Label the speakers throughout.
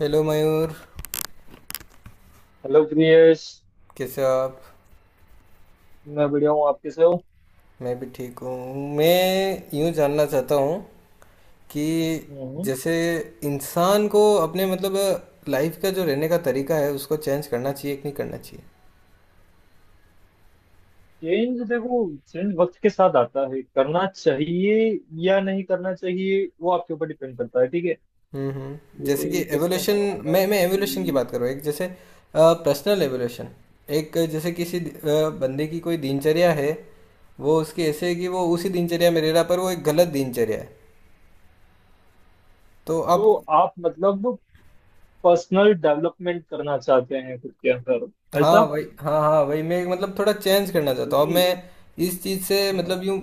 Speaker 1: Hello Mayur.
Speaker 2: Hello Priyesh.
Speaker 1: कैसे हो आप?
Speaker 2: मैं बढ़िया हूँ, आप कैसे हो?
Speaker 1: मैं भी ठीक हूँ। मैं यूँ जानना चाहता हूँ कि
Speaker 2: हम्म।
Speaker 1: जैसे इंसान को अपने मतलब लाइफ का जो रहने का तरीका है उसको चेंज करना चाहिए कि नहीं करना चाहिए?
Speaker 2: चेंज देखो। चेंज वक्त के साथ आता है, करना चाहिए या नहीं करना चाहिए वो आपके ऊपर डिपेंड करता है। ठीक है।
Speaker 1: हम्म, हम्म। जैसे कि
Speaker 2: जैसे कैसे
Speaker 1: एवोल्यूशन।
Speaker 2: समझाऊं मैं
Speaker 1: मैं एवोल्यूशन की
Speaker 2: कि
Speaker 1: बात कर रहा हूँ, एक जैसे पर्सनल एवोल्यूशन। एक जैसे किसी बंदे की कोई दिनचर्या है। वो उसकी ऐसे है कि वो उसी दिनचर्या में रह रहा, पर वो एक गलत दिनचर्या है, तो आप।
Speaker 2: तो आप मतलब पर्सनल डेवलपमेंट करना चाहते हैं खुद के अंदर?
Speaker 1: हाँ,
Speaker 2: ऐसा?
Speaker 1: वही। हाँ, हाँ, वही। मैं मतलब थोड़ा चेंज करना चाहता हूँ अब
Speaker 2: क्योंकि
Speaker 1: मैं। इस चीज़ से
Speaker 2: हाँ।
Speaker 1: मतलब यूँ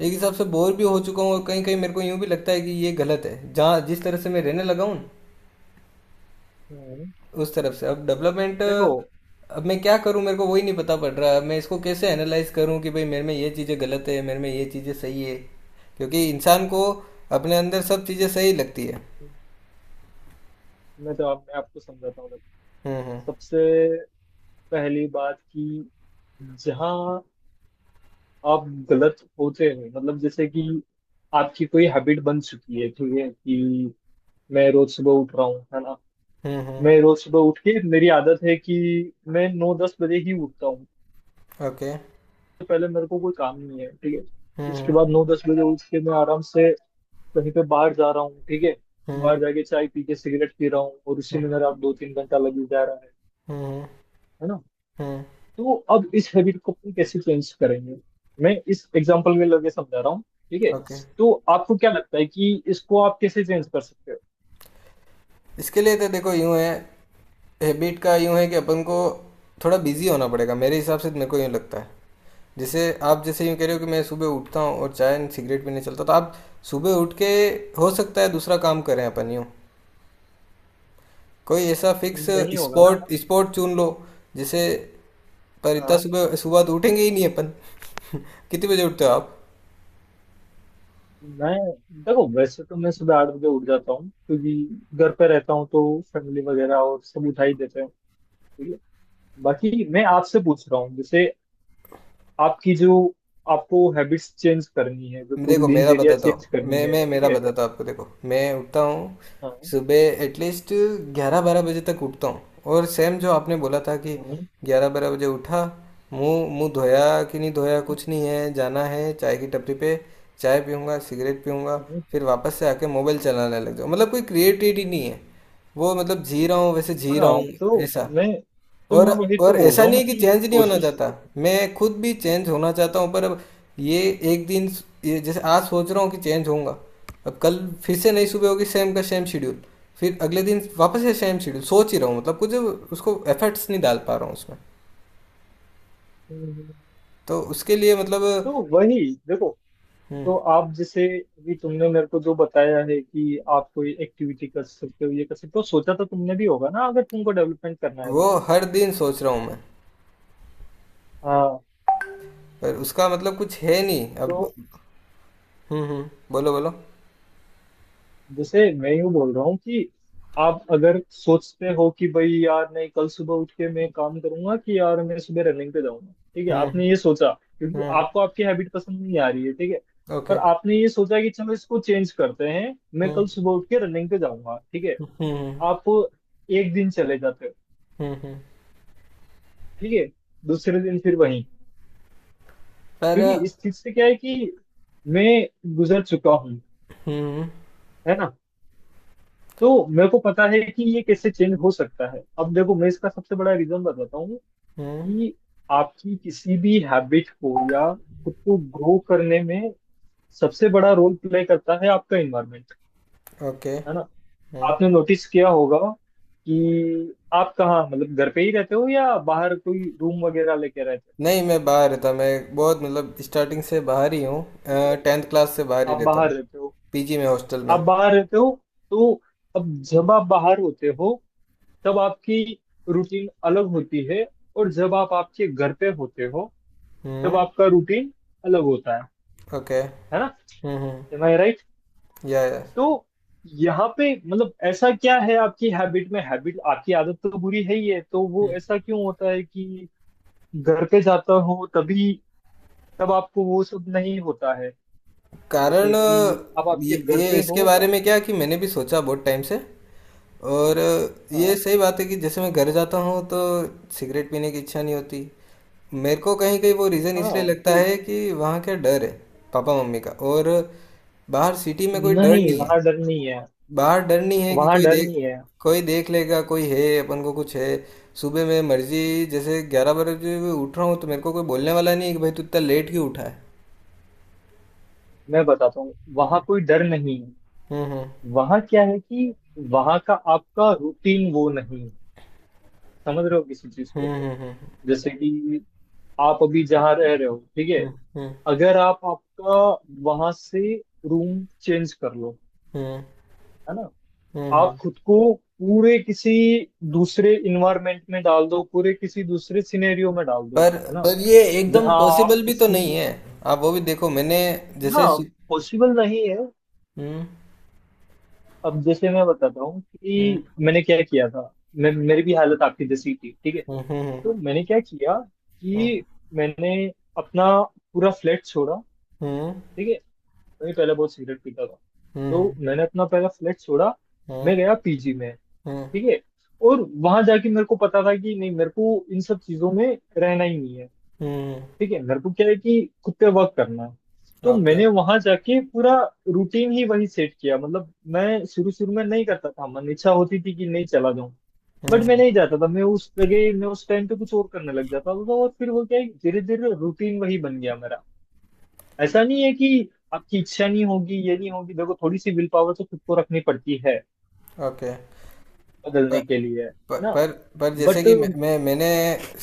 Speaker 1: एक हिसाब से बोर भी हो चुका हूँ, और कहीं कहीं मेरे को यूँ भी लगता है कि ये गलत है, जहाँ जिस तरह से मैं रहने लगा हूँ।
Speaker 2: हम्म।
Speaker 1: उस तरफ से अब डेवलपमेंट,
Speaker 2: देखो,
Speaker 1: अब मैं क्या करूँ मेरे को वही नहीं पता पड़ रहा है। मैं इसको कैसे एनालाइज करूँ कि भाई मेरे में ये चीज़ें गलत है, मेरे में ये चीज़ें सही है। क्योंकि इंसान को अपने अंदर सब चीज़ें सही लगती है।
Speaker 2: मैं आपको समझाता हूँ।
Speaker 1: हम्म,
Speaker 2: सबसे पहली बात कि जहाँ आप गलत होते हैं, मतलब जैसे कि आपकी कोई हैबिट बन चुकी है, ठीक है, कि मैं रोज सुबह उठ रहा हूँ, है ना।
Speaker 1: हम्म, हम्म,
Speaker 2: मैं रोज सुबह उठ के मेरी आदत है कि मैं 9 10 बजे ही उठता हूँ।
Speaker 1: हम्म, ओके,
Speaker 2: तो पहले मेरे को कोई काम नहीं है, ठीक है। उसके
Speaker 1: हम्म,
Speaker 2: बाद 9 10 बजे उठ के मैं आराम से कहीं पे बाहर जा रहा हूँ, ठीक है।
Speaker 1: हम्म,
Speaker 2: बाहर जाके चाय पी के सिगरेट पी रहा हूँ और उसी
Speaker 1: हम्म,
Speaker 2: में
Speaker 1: हम्म,
Speaker 2: मेरा 2 3 घंटा लग ही जा रहा है
Speaker 1: हम्म,
Speaker 2: है ना।
Speaker 1: हम्म,
Speaker 2: तो अब इस हैबिट को अपन कैसे चेंज करेंगे? मैं इस एग्जांपल में लगे समझा रहा हूँ, ठीक है।
Speaker 1: ओके।
Speaker 2: तो आपको क्या लगता है कि इसको आप कैसे चेंज कर सकते
Speaker 1: इसके लिए तो देखो यूँ है, हैबिट का यूँ है कि अपन को थोड़ा बिजी होना पड़ेगा। मेरे हिसाब से तो मेरे को यूँ लगता है। जैसे आप जैसे यूँ कह रहे हो कि
Speaker 2: हो?
Speaker 1: मैं सुबह उठता हूँ और चाय एंड सिगरेट पीने चलता हूँ, तो आप सुबह उठ के हो सकता है दूसरा काम करें अपन यूँ, कोई ऐसा फिक्स
Speaker 2: नहीं होगा ना।
Speaker 1: स्पॉट स्पॉट चुन लो जैसे। पर इतना
Speaker 2: हाँ।
Speaker 1: सुबह सुबह तो उठेंगे ही नहीं अपन। कितने बजे उठते हो आप?
Speaker 2: मैं देखो, वैसे तो मैं सुबह 8 बजे उठ जाता हूँ, क्योंकि घर पे रहता हूँ तो फैमिली वगैरह और सब उठा ही देते हैं, ठीक है। बाकी मैं आपसे पूछ रहा हूँ, जैसे आपकी जो आपको हैबिट्स चेंज करनी है, जो पूरी
Speaker 1: देखो मेरा
Speaker 2: दिनचर्या
Speaker 1: बताता
Speaker 2: चेंज
Speaker 1: हूँ,
Speaker 2: करनी
Speaker 1: मैं
Speaker 2: है,
Speaker 1: मैं
Speaker 2: ठीक
Speaker 1: मेरा
Speaker 2: है।
Speaker 1: बताता हूँ आपको। देखो मैं उठता हूँ
Speaker 2: हाँ,
Speaker 1: सुबह एटलीस्ट 11-12 बजे तक उठता हूँ। और सेम जो आपने बोला था कि
Speaker 2: हाँ,
Speaker 1: 11-12 बजे उठा, मुंह मुंह धोया कि नहीं धोया,
Speaker 2: हाँ,
Speaker 1: कुछ नहीं है, जाना है चाय की टपरी पे। चाय पीऊँगा, सिगरेट पीऊँगा।
Speaker 2: हाँ,
Speaker 1: फिर वापस से आके मोबाइल चलाने लग जाऊँ, मतलब कोई क्रिएटिविटी नहीं है। वो मतलब जी रहा हूँ, वैसे जी रहा
Speaker 2: हाँ।
Speaker 1: हूँ ऐसा।
Speaker 2: मैं तो
Speaker 1: और
Speaker 2: मैं वही तो
Speaker 1: और
Speaker 2: बोल
Speaker 1: ऐसा
Speaker 2: रहा
Speaker 1: नहीं
Speaker 2: हूँ
Speaker 1: है कि
Speaker 2: कि
Speaker 1: चेंज नहीं होना
Speaker 2: कोशिश
Speaker 1: चाहता।
Speaker 2: तो।
Speaker 1: मैं खुद भी चेंज होना चाहता हूँ, पर अब ये एक दिन, ये जैसे आज सोच रहा हूँ कि चेंज होऊंगा। अब कल फिर से नई सुबह होगी, सेम का सेम शेड्यूल। फिर अगले दिन वापस से सेम शेड्यूल, सोच ही रहा हूँ मतलब कुछ उसको एफर्ट्स नहीं डाल पा रहा हूँ उसमें, तो उसके लिए मतलब।
Speaker 2: वही देखो।
Speaker 1: हम्म।
Speaker 2: तो आप जैसे अभी तुमने मेरे को जो बताया है कि आप कोई एक्टिविटी कर सकते हो, ये कर सकते हो, तो सोचा तो तुमने भी होगा ना, अगर तुमको डेवलपमेंट करना है
Speaker 1: वो
Speaker 2: तो।
Speaker 1: हर दिन सोच रहा हूँ मैं।
Speaker 2: हाँ।
Speaker 1: पर उसका मतलब कुछ है नहीं अब।
Speaker 2: तो
Speaker 1: हम्म, हम्म। बोलो, बोलो।
Speaker 2: जैसे मैं यूं बोल रहा हूँ कि आप अगर सोचते हो कि भाई यार नहीं, कल सुबह उठ के मैं काम करूंगा, कि यार मैं सुबह रनिंग पे जाऊंगा, ठीक है,
Speaker 1: हम्म,
Speaker 2: आपने ये सोचा, क्योंकि
Speaker 1: हम्म,
Speaker 2: आपको आपकी हैबिट पसंद नहीं आ रही है, ठीक है।
Speaker 1: ओके,
Speaker 2: पर आपने ये सोचा कि चलो इसको चेंज करते हैं, मैं
Speaker 1: हम्म,
Speaker 2: कल सुबह उठ के रनिंग पे जाऊंगा, ठीक है।
Speaker 1: हम्म,
Speaker 2: आप एक दिन चले जाते हो,
Speaker 1: हम्म, हम्म,
Speaker 2: ठीक है। दूसरे दिन फिर वहीं।
Speaker 1: पर,
Speaker 2: क्योंकि इस चीज से क्या है कि मैं गुजर चुका हूँ,
Speaker 1: हम्म,
Speaker 2: है ना। तो मेरे को पता है कि ये कैसे चेंज हो सकता है। अब देखो, मैं इसका सबसे बड़ा रीजन बताता हूँ
Speaker 1: हम्म,
Speaker 2: कि आपकी किसी भी हैबिट को या खुद को ग्रो करने में सबसे बड़ा रोल प्ले करता है आपका इन्वायरमेंट।
Speaker 1: ओके,
Speaker 2: है ना।
Speaker 1: हाँ।
Speaker 2: आपने नोटिस किया होगा कि आप कहाँ, मतलब घर पे ही रहते हो या बाहर कोई रूम वगैरह लेके रहते हो?
Speaker 1: नहीं, मैं बाहर रहता, मैं बहुत मतलब स्टार्टिंग से बाहर ही हूँ।
Speaker 2: ठीक है।
Speaker 1: टेंथ क्लास से बाहर ही
Speaker 2: आप
Speaker 1: रहता
Speaker 2: बाहर
Speaker 1: हूँ।
Speaker 2: रहते हो,
Speaker 1: पीजी में, हॉस्टल में।
Speaker 2: आप बाहर रहते हो, तो अब जब आप बाहर होते हो तब आपकी रूटीन अलग होती है, और जब आप आपके घर पे होते हो तब
Speaker 1: हम्म,
Speaker 2: आपका रूटीन अलग होता है
Speaker 1: ओके,
Speaker 2: है
Speaker 1: हम्म, हम्म,
Speaker 2: ना।
Speaker 1: या।
Speaker 2: तो यहाँ पे मतलब ऐसा क्या है आपकी हैबिट में? हैबिट आपकी आदत तो बुरी है ही है, तो वो ऐसा क्यों होता है कि घर पे जाता हो तभी, तब आपको वो सब नहीं होता है?
Speaker 1: कारण
Speaker 2: जैसे कि
Speaker 1: अ,
Speaker 2: आप आपके
Speaker 1: ये,
Speaker 2: घर
Speaker 1: ये
Speaker 2: पे
Speaker 1: इसके
Speaker 2: हो।
Speaker 1: बारे में क्या कि मैंने भी सोचा बहुत टाइम से। और ये
Speaker 2: हाँ।
Speaker 1: सही बात है कि जैसे मैं घर जाता हूँ तो सिगरेट पीने की इच्छा नहीं होती। मेरे को कहीं कहीं वो रीज़न इसलिए
Speaker 2: हाँ
Speaker 1: लगता
Speaker 2: तो
Speaker 1: है कि वहाँ का डर है, पापा मम्मी का। और बाहर सिटी में कोई डर
Speaker 2: नहीं,
Speaker 1: नहीं है।
Speaker 2: वहाँ डर नहीं है।
Speaker 1: बाहर डर नहीं है कि
Speaker 2: वहाँ
Speaker 1: कोई
Speaker 2: डर
Speaker 1: देख,
Speaker 2: नहीं है,
Speaker 1: कोई देख लेगा, कोई है अपन को कुछ है। सुबह मैं मर्जी जैसे 11 बजे भी उठ रहा हूँ तो मेरे को कोई बोलने वाला नहीं है कि भाई तू इतना लेट क्यों उठा है।
Speaker 2: मैं बताता हूँ वहाँ कोई डर नहीं है।
Speaker 1: हम्म,
Speaker 2: वहाँ क्या है कि वहाँ का आपका रूटीन वो नहीं है। समझ रहे हो किसी चीज
Speaker 1: हम्म,
Speaker 2: को?
Speaker 1: हम्म, हम्म,
Speaker 2: जैसे कि आप अभी जहाँ रह रहे हो, ठीक है,
Speaker 1: हम्म, हम्म,
Speaker 2: अगर आप आपका वहां से रूम चेंज कर लो,
Speaker 1: हम्म,
Speaker 2: है ना,
Speaker 1: हम्म,
Speaker 2: आप खुद को पूरे किसी दूसरे इन्वायरमेंट में डाल दो, पूरे किसी दूसरे सिनेरियो में डाल दो,
Speaker 1: पर
Speaker 2: है ना,
Speaker 1: पर ये एकदम
Speaker 2: जहाँ आप
Speaker 1: पॉसिबल भी तो
Speaker 2: किसी।
Speaker 1: नहीं है। आप वो भी देखो मैंने
Speaker 2: हाँ,
Speaker 1: जैसे।
Speaker 2: पॉसिबल नहीं है।
Speaker 1: हम्म,
Speaker 2: अब जैसे मैं बताता हूँ
Speaker 1: हम्म,
Speaker 2: कि मैंने क्या किया था। मैं, मेरी भी हालत आपकी जैसी थी, ठीक है।
Speaker 1: हम्म,
Speaker 2: तो मैंने क्या किया
Speaker 1: हम्म,
Speaker 2: कि मैंने अपना पूरा फ्लैट छोड़ा,
Speaker 1: हम्म,
Speaker 2: ठीक है। मैं पहले बहुत सिगरेट पीता था,
Speaker 1: हम्म, हम्म,
Speaker 2: तो
Speaker 1: हम्म,
Speaker 2: मैंने अपना पहला फ्लैट छोड़ा,
Speaker 1: हम्म,
Speaker 2: मैं गया पीजी में,
Speaker 1: हम्म,
Speaker 2: ठीक है। और वहां जाके मेरे को पता था कि नहीं, मेरे को इन सब चीजों में रहना ही नहीं है,
Speaker 1: हम्म, हम्म,
Speaker 2: ठीक है। मेरे को क्या है कि खुद पे वर्क करना है। तो
Speaker 1: ओके,
Speaker 2: मैंने वहां जाके पूरा रूटीन ही वही सेट किया। मतलब मैं शुरू शुरू में नहीं करता था, मन इच्छा होती थी कि नहीं चला जाऊं, बट मैं
Speaker 1: हम्म,
Speaker 2: नहीं जाता था, मैं उस जगह मैं उस टाइम पे कुछ और करने लग जाता था, और फिर वो क्या है धीरे धीरे रूटीन वही बन गया मेरा। ऐसा नहीं है कि आपकी इच्छा नहीं होगी, ये नहीं होगी। देखो, थोड़ी सी विल पावर तो खुद को रखनी पड़ती है
Speaker 1: ओके।
Speaker 2: बदलने के लिए,
Speaker 1: पर
Speaker 2: है ना।
Speaker 1: पर पर जैसे
Speaker 2: बट
Speaker 1: कि मैंने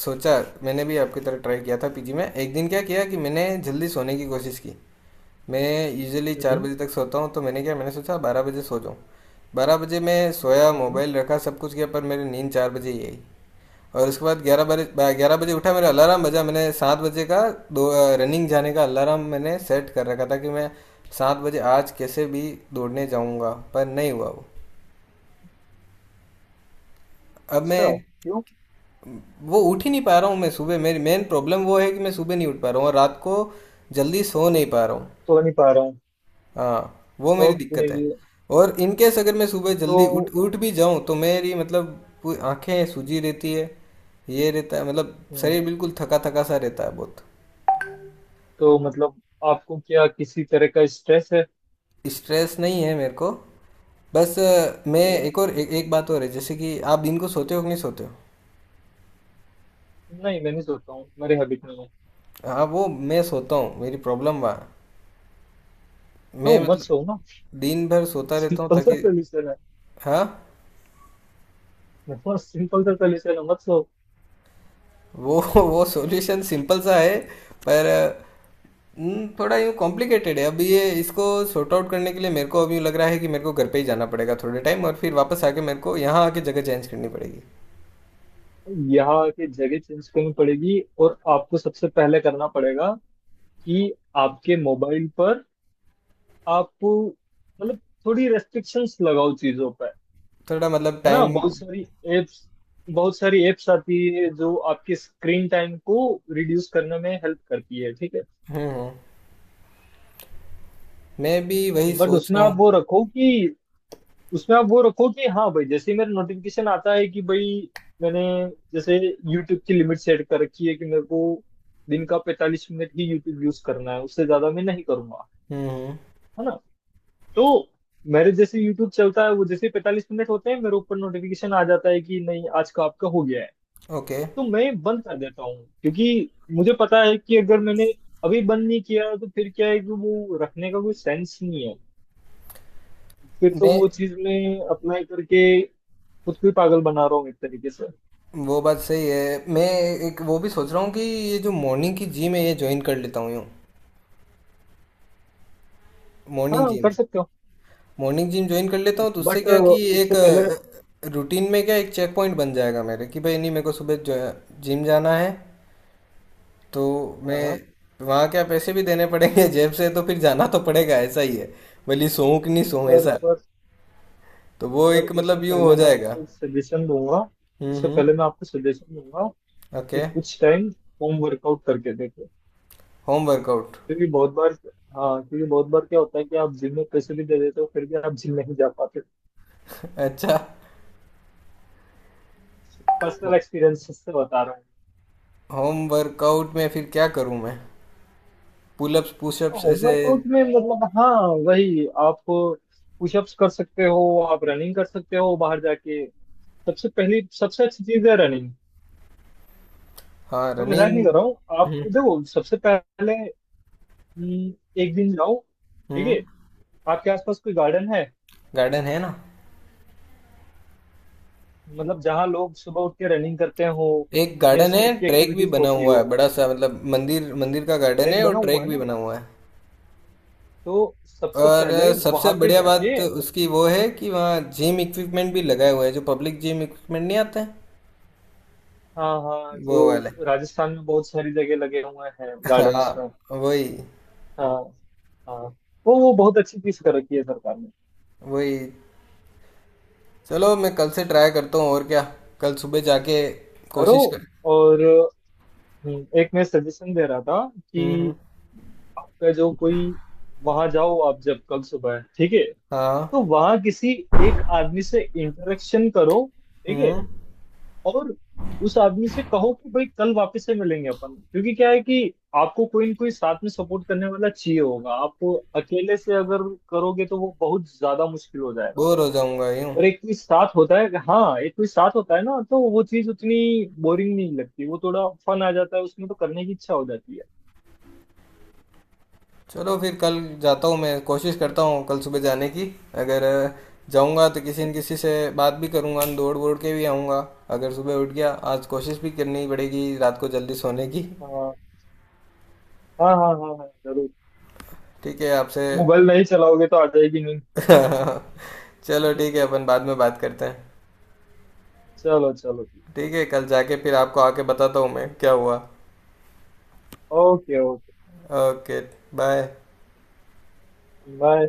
Speaker 1: सोचा, मैंने भी आपकी तरह ट्राई किया था पीजी में। एक दिन क्या किया कि मैंने जल्दी सोने की कोशिश की। मैं यूजुअली 4 बजे तक सोता हूँ, तो मैंने क्या, मैंने सोचा 12 बजे सो जाऊँ। 12 बजे मैं सोया, मोबाइल रखा, सब कुछ किया, पर मेरी नींद 4 बजे ही आई। और उसके बाद ग्यारह बजे उठा, मेरा अलार्म बजा, मैंने 7 बजे का दो, रनिंग जाने का अलार्म मैंने सेट कर रखा था कि मैं 7 बजे आज कैसे भी दौड़ने जाऊँगा, पर नहीं हुआ वो। अब
Speaker 2: अच्छा,
Speaker 1: मैं
Speaker 2: क्यों?
Speaker 1: वो उठ ही नहीं पा रहा हूँ, मैं सुबह। मेरी मेन प्रॉब्लम वो है कि मैं सुबह नहीं उठ पा रहा हूँ और रात को जल्दी सो नहीं पा रहा हूँ।
Speaker 2: तो नहीं पा रहा हूँ।
Speaker 1: हाँ, वो मेरी
Speaker 2: ओके।
Speaker 1: दिक्कत है। और इन केस अगर मैं सुबह जल्दी उठ
Speaker 2: तो
Speaker 1: उठ भी जाऊँ तो मेरी मतलब पूरी आंखें सूजी रहती है, ये रहता है, मतलब
Speaker 2: हम्म,
Speaker 1: शरीर बिल्कुल थका थका सा रहता है बहुत।
Speaker 2: तो मतलब आपको क्या किसी तरह का स्ट्रेस है?
Speaker 1: स्ट्रेस नहीं है मेरे को। बस मैं
Speaker 2: तो
Speaker 1: एक और एक बात और है, जैसे कि आप दिन को सोते हो कि नहीं सोते हो?
Speaker 2: नहीं, मैं नहीं सोता हूँ, मेरे हैबिट में है।
Speaker 1: हाँ, वो मैं सोता हूँ, मेरी प्रॉब्लम वहाँ है। मैं
Speaker 2: तो मत
Speaker 1: मतलब
Speaker 2: सो ना।
Speaker 1: दिन भर सोता रहता हूँ
Speaker 2: सिंपल सा
Speaker 1: ताकि।
Speaker 2: सोल्यूशन है।
Speaker 1: हाँ,
Speaker 2: बहुत सिंपल सा सोल्यूशन है, मत सो।
Speaker 1: वो वो सॉल्यूशन सिंपल सा है, पर थोड़ा यूँ कॉम्प्लिकेटेड है। अब ये इसको सॉर्ट आउट करने के लिए मेरे को अभी यूँ लग रहा है कि मेरे को घर पे ही जाना पड़ेगा थोड़े टाइम, और फिर वापस आके मेरे को यहाँ आके जगह चेंज करनी पड़ेगी।
Speaker 2: यहाँ की जगह चेंज करनी पड़ेगी, और आपको सबसे पहले करना पड़ेगा कि आपके मोबाइल पर आप मतलब थोड़ी रेस्ट्रिक्शंस लगाओ चीजों पर,
Speaker 1: थोड़ा मतलब
Speaker 2: है ना।
Speaker 1: टाइम।
Speaker 2: बहुत सारी एप्स, आती है जो आपके स्क्रीन टाइम को रिड्यूस करने में हेल्प करती है, ठीक है।
Speaker 1: हम्म, हम्म। मैं भी वही
Speaker 2: बट
Speaker 1: सोच
Speaker 2: उसमें
Speaker 1: रहा
Speaker 2: आप
Speaker 1: हूँ।
Speaker 2: वो रखो कि, हाँ भाई, जैसे ही मेरा नोटिफिकेशन आता है कि भाई, मैंने जैसे यूट्यूब की लिमिट सेट कर रखी है कि मेरे को दिन का 45 मिनट ही यूट्यूब यूज करना है, उससे ज्यादा मैं नहीं करूंगा,
Speaker 1: हम्म,
Speaker 2: है ना। तो मेरे जैसे यूट्यूब चलता है, वो जैसे 45 मिनट होते हैं मेरे ऊपर नोटिफिकेशन आ जाता है कि नहीं, आज का आपका हो गया है।
Speaker 1: ओके।
Speaker 2: तो मैं बंद कर देता हूँ, क्योंकि मुझे पता है कि अगर मैंने अभी बंद नहीं किया तो फिर क्या है कि वो रखने का कोई सेंस नहीं है। फिर तो
Speaker 1: मैं,
Speaker 2: वो चीज मैं अप्लाई करके खुद को ही पागल बना रहा हूँ एक तरीके से।
Speaker 1: वो बात सही है। मैं एक वो भी सोच रहा हूँ कि ये जो मॉर्निंग की जिम है, ये ज्वाइन कर लेता हूँ यूँ। मॉर्निंग
Speaker 2: हाँ
Speaker 1: जिम,
Speaker 2: कर सकते हो,
Speaker 1: मॉर्निंग जिम ज्वाइन कर लेता हूँ तो उससे
Speaker 2: बट
Speaker 1: क्या कि एक
Speaker 2: उससे पहले।
Speaker 1: रूटीन में क्या एक चेक पॉइंट बन जाएगा मेरे कि भाई नहीं, मेरे को सुबह जो जिम जाना है। तो मैं
Speaker 2: हाँ।
Speaker 1: वहाँ क्या पैसे भी देने पड़ेंगे जेब से, तो फिर जाना तो पड़ेगा ऐसा ही है, भले सोऊं कि नहीं सोऊं
Speaker 2: पर
Speaker 1: ऐसा।
Speaker 2: पर
Speaker 1: तो वो
Speaker 2: पर
Speaker 1: एक
Speaker 2: उससे
Speaker 1: मतलब यूँ
Speaker 2: पहले
Speaker 1: हो
Speaker 2: मैं
Speaker 1: जाएगा।
Speaker 2: आपको सजेशन दूंगा,
Speaker 1: हम्म,
Speaker 2: उससे
Speaker 1: हम्म,
Speaker 2: पहले मैं आपको सजेशन दूंगा
Speaker 1: ओके।
Speaker 2: कि कुछ टाइम होम वर्कआउट करके देखो,
Speaker 1: होम वर्कआउट?
Speaker 2: क्योंकि बहुत बार, हाँ, क्योंकि बहुत बार क्या होता है कि आप जिम में पैसे भी दे देते हो फिर भी आप जिम नहीं जा पाते।
Speaker 1: अच्छा।
Speaker 2: पर्सनल एक्सपीरियंस से बता रहा हूँ।
Speaker 1: होम वर्कआउट में फिर क्या करूँ मैं? पुलअप्स, पुशअप्स ऐसे?
Speaker 2: होमवर्कआउट में मतलब हाँ, वही आप पुशअप्स कर सकते हो, आप रनिंग कर सकते हो बाहर जाके। सबसे पहली सबसे अच्छी चीज है रनिंग।
Speaker 1: हाँ,
Speaker 2: मैं मजाक नहीं
Speaker 1: रनिंग।
Speaker 2: कर रहा हूँ, आप
Speaker 1: हम्म,
Speaker 2: देखो। सबसे पहले हम्म, एक दिन जाओ, ठीक है।
Speaker 1: हम्म।
Speaker 2: आपके आसपास कोई गार्डन है,
Speaker 1: गार्डन है ना।
Speaker 2: मतलब जहाँ लोग सुबह उठ के रनिंग करते हो
Speaker 1: एक
Speaker 2: या
Speaker 1: गार्डन
Speaker 2: इस
Speaker 1: है,
Speaker 2: टाइप की
Speaker 1: ट्रैक भी
Speaker 2: एक्टिविटीज
Speaker 1: बना
Speaker 2: होती
Speaker 1: हुआ है
Speaker 2: हो?
Speaker 1: बड़ा सा, मतलब मंदिर, मंदिर का गार्डन
Speaker 2: ट्रैक
Speaker 1: है
Speaker 2: बना
Speaker 1: और
Speaker 2: हुआ
Speaker 1: ट्रैक
Speaker 2: है
Speaker 1: भी
Speaker 2: ना,
Speaker 1: बना हुआ है।
Speaker 2: तो सबसे
Speaker 1: और
Speaker 2: पहले
Speaker 1: सबसे
Speaker 2: वहां पे
Speaker 1: बढ़िया बात
Speaker 2: जाके।
Speaker 1: उसकी वो है कि वहाँ जिम इक्विपमेंट भी लगाए हुए हैं, जो पब्लिक जिम इक्विपमेंट नहीं आते हैं।
Speaker 2: हाँ हाँ,
Speaker 1: वो
Speaker 2: जो
Speaker 1: वाले।
Speaker 2: राजस्थान में बहुत सारी जगह लगे हुए हैं गार्डन्स में।
Speaker 1: हाँ, वही,
Speaker 2: हाँ। हाँ। वो बहुत अच्छी चीज कर रखी है सरकार ने।
Speaker 1: वही। चलो मैं कल से ट्राई करता हूँ और क्या, कल सुबह जाके
Speaker 2: करो।
Speaker 1: कोशिश कर।
Speaker 2: और एक मैं सजेशन दे रहा था
Speaker 1: हम्म,
Speaker 2: कि
Speaker 1: हम्म,
Speaker 2: आपका जो कोई, वहां जाओ आप जब कल सुबह, ठीक है,
Speaker 1: हाँ,
Speaker 2: तो वहां किसी एक आदमी से इंटरेक्शन करो, ठीक है,
Speaker 1: हम्म।
Speaker 2: और उस आदमी से कहो कि भाई कल वापस से मिलेंगे अपन, क्योंकि क्या है कि आपको कोई ना कोई साथ में सपोर्ट करने वाला चाहिए होगा। आप अकेले से अगर करोगे तो वो बहुत ज्यादा मुश्किल हो जाएगा।
Speaker 1: बोर हो जाऊंगा यूं।
Speaker 2: और एक कोई साथ होता है, हाँ, एक कोई साथ होता है ना, तो वो चीज उतनी बोरिंग नहीं लगती, वो थोड़ा फन आ जाता है, उसमें तो करने की इच्छा हो जाती है।
Speaker 1: चलो फिर कल जाता हूँ, मैं कोशिश करता हूँ कल सुबह जाने की। अगर जाऊँगा तो किसी न किसी से बात भी करूँगा, दौड़ वोड़ के भी आऊँगा अगर सुबह उठ गया। आज कोशिश भी करनी पड़ेगी रात को जल्दी सोने की।
Speaker 2: हाँ, हाँ, हाँ, हाँ, हाँ, जरूर।
Speaker 1: ठीक है आपसे।
Speaker 2: मोबाइल नहीं चलाओगे तो आ जाएगी नहीं।
Speaker 1: चलो ठीक है, अपन बाद में बात करते हैं।
Speaker 2: चलो, चलो।
Speaker 1: ठीक है, कल जाके फिर आपको आके बताता हूँ मैं क्या हुआ।
Speaker 2: Okay, okay.
Speaker 1: Okay. Bye.
Speaker 2: Bye.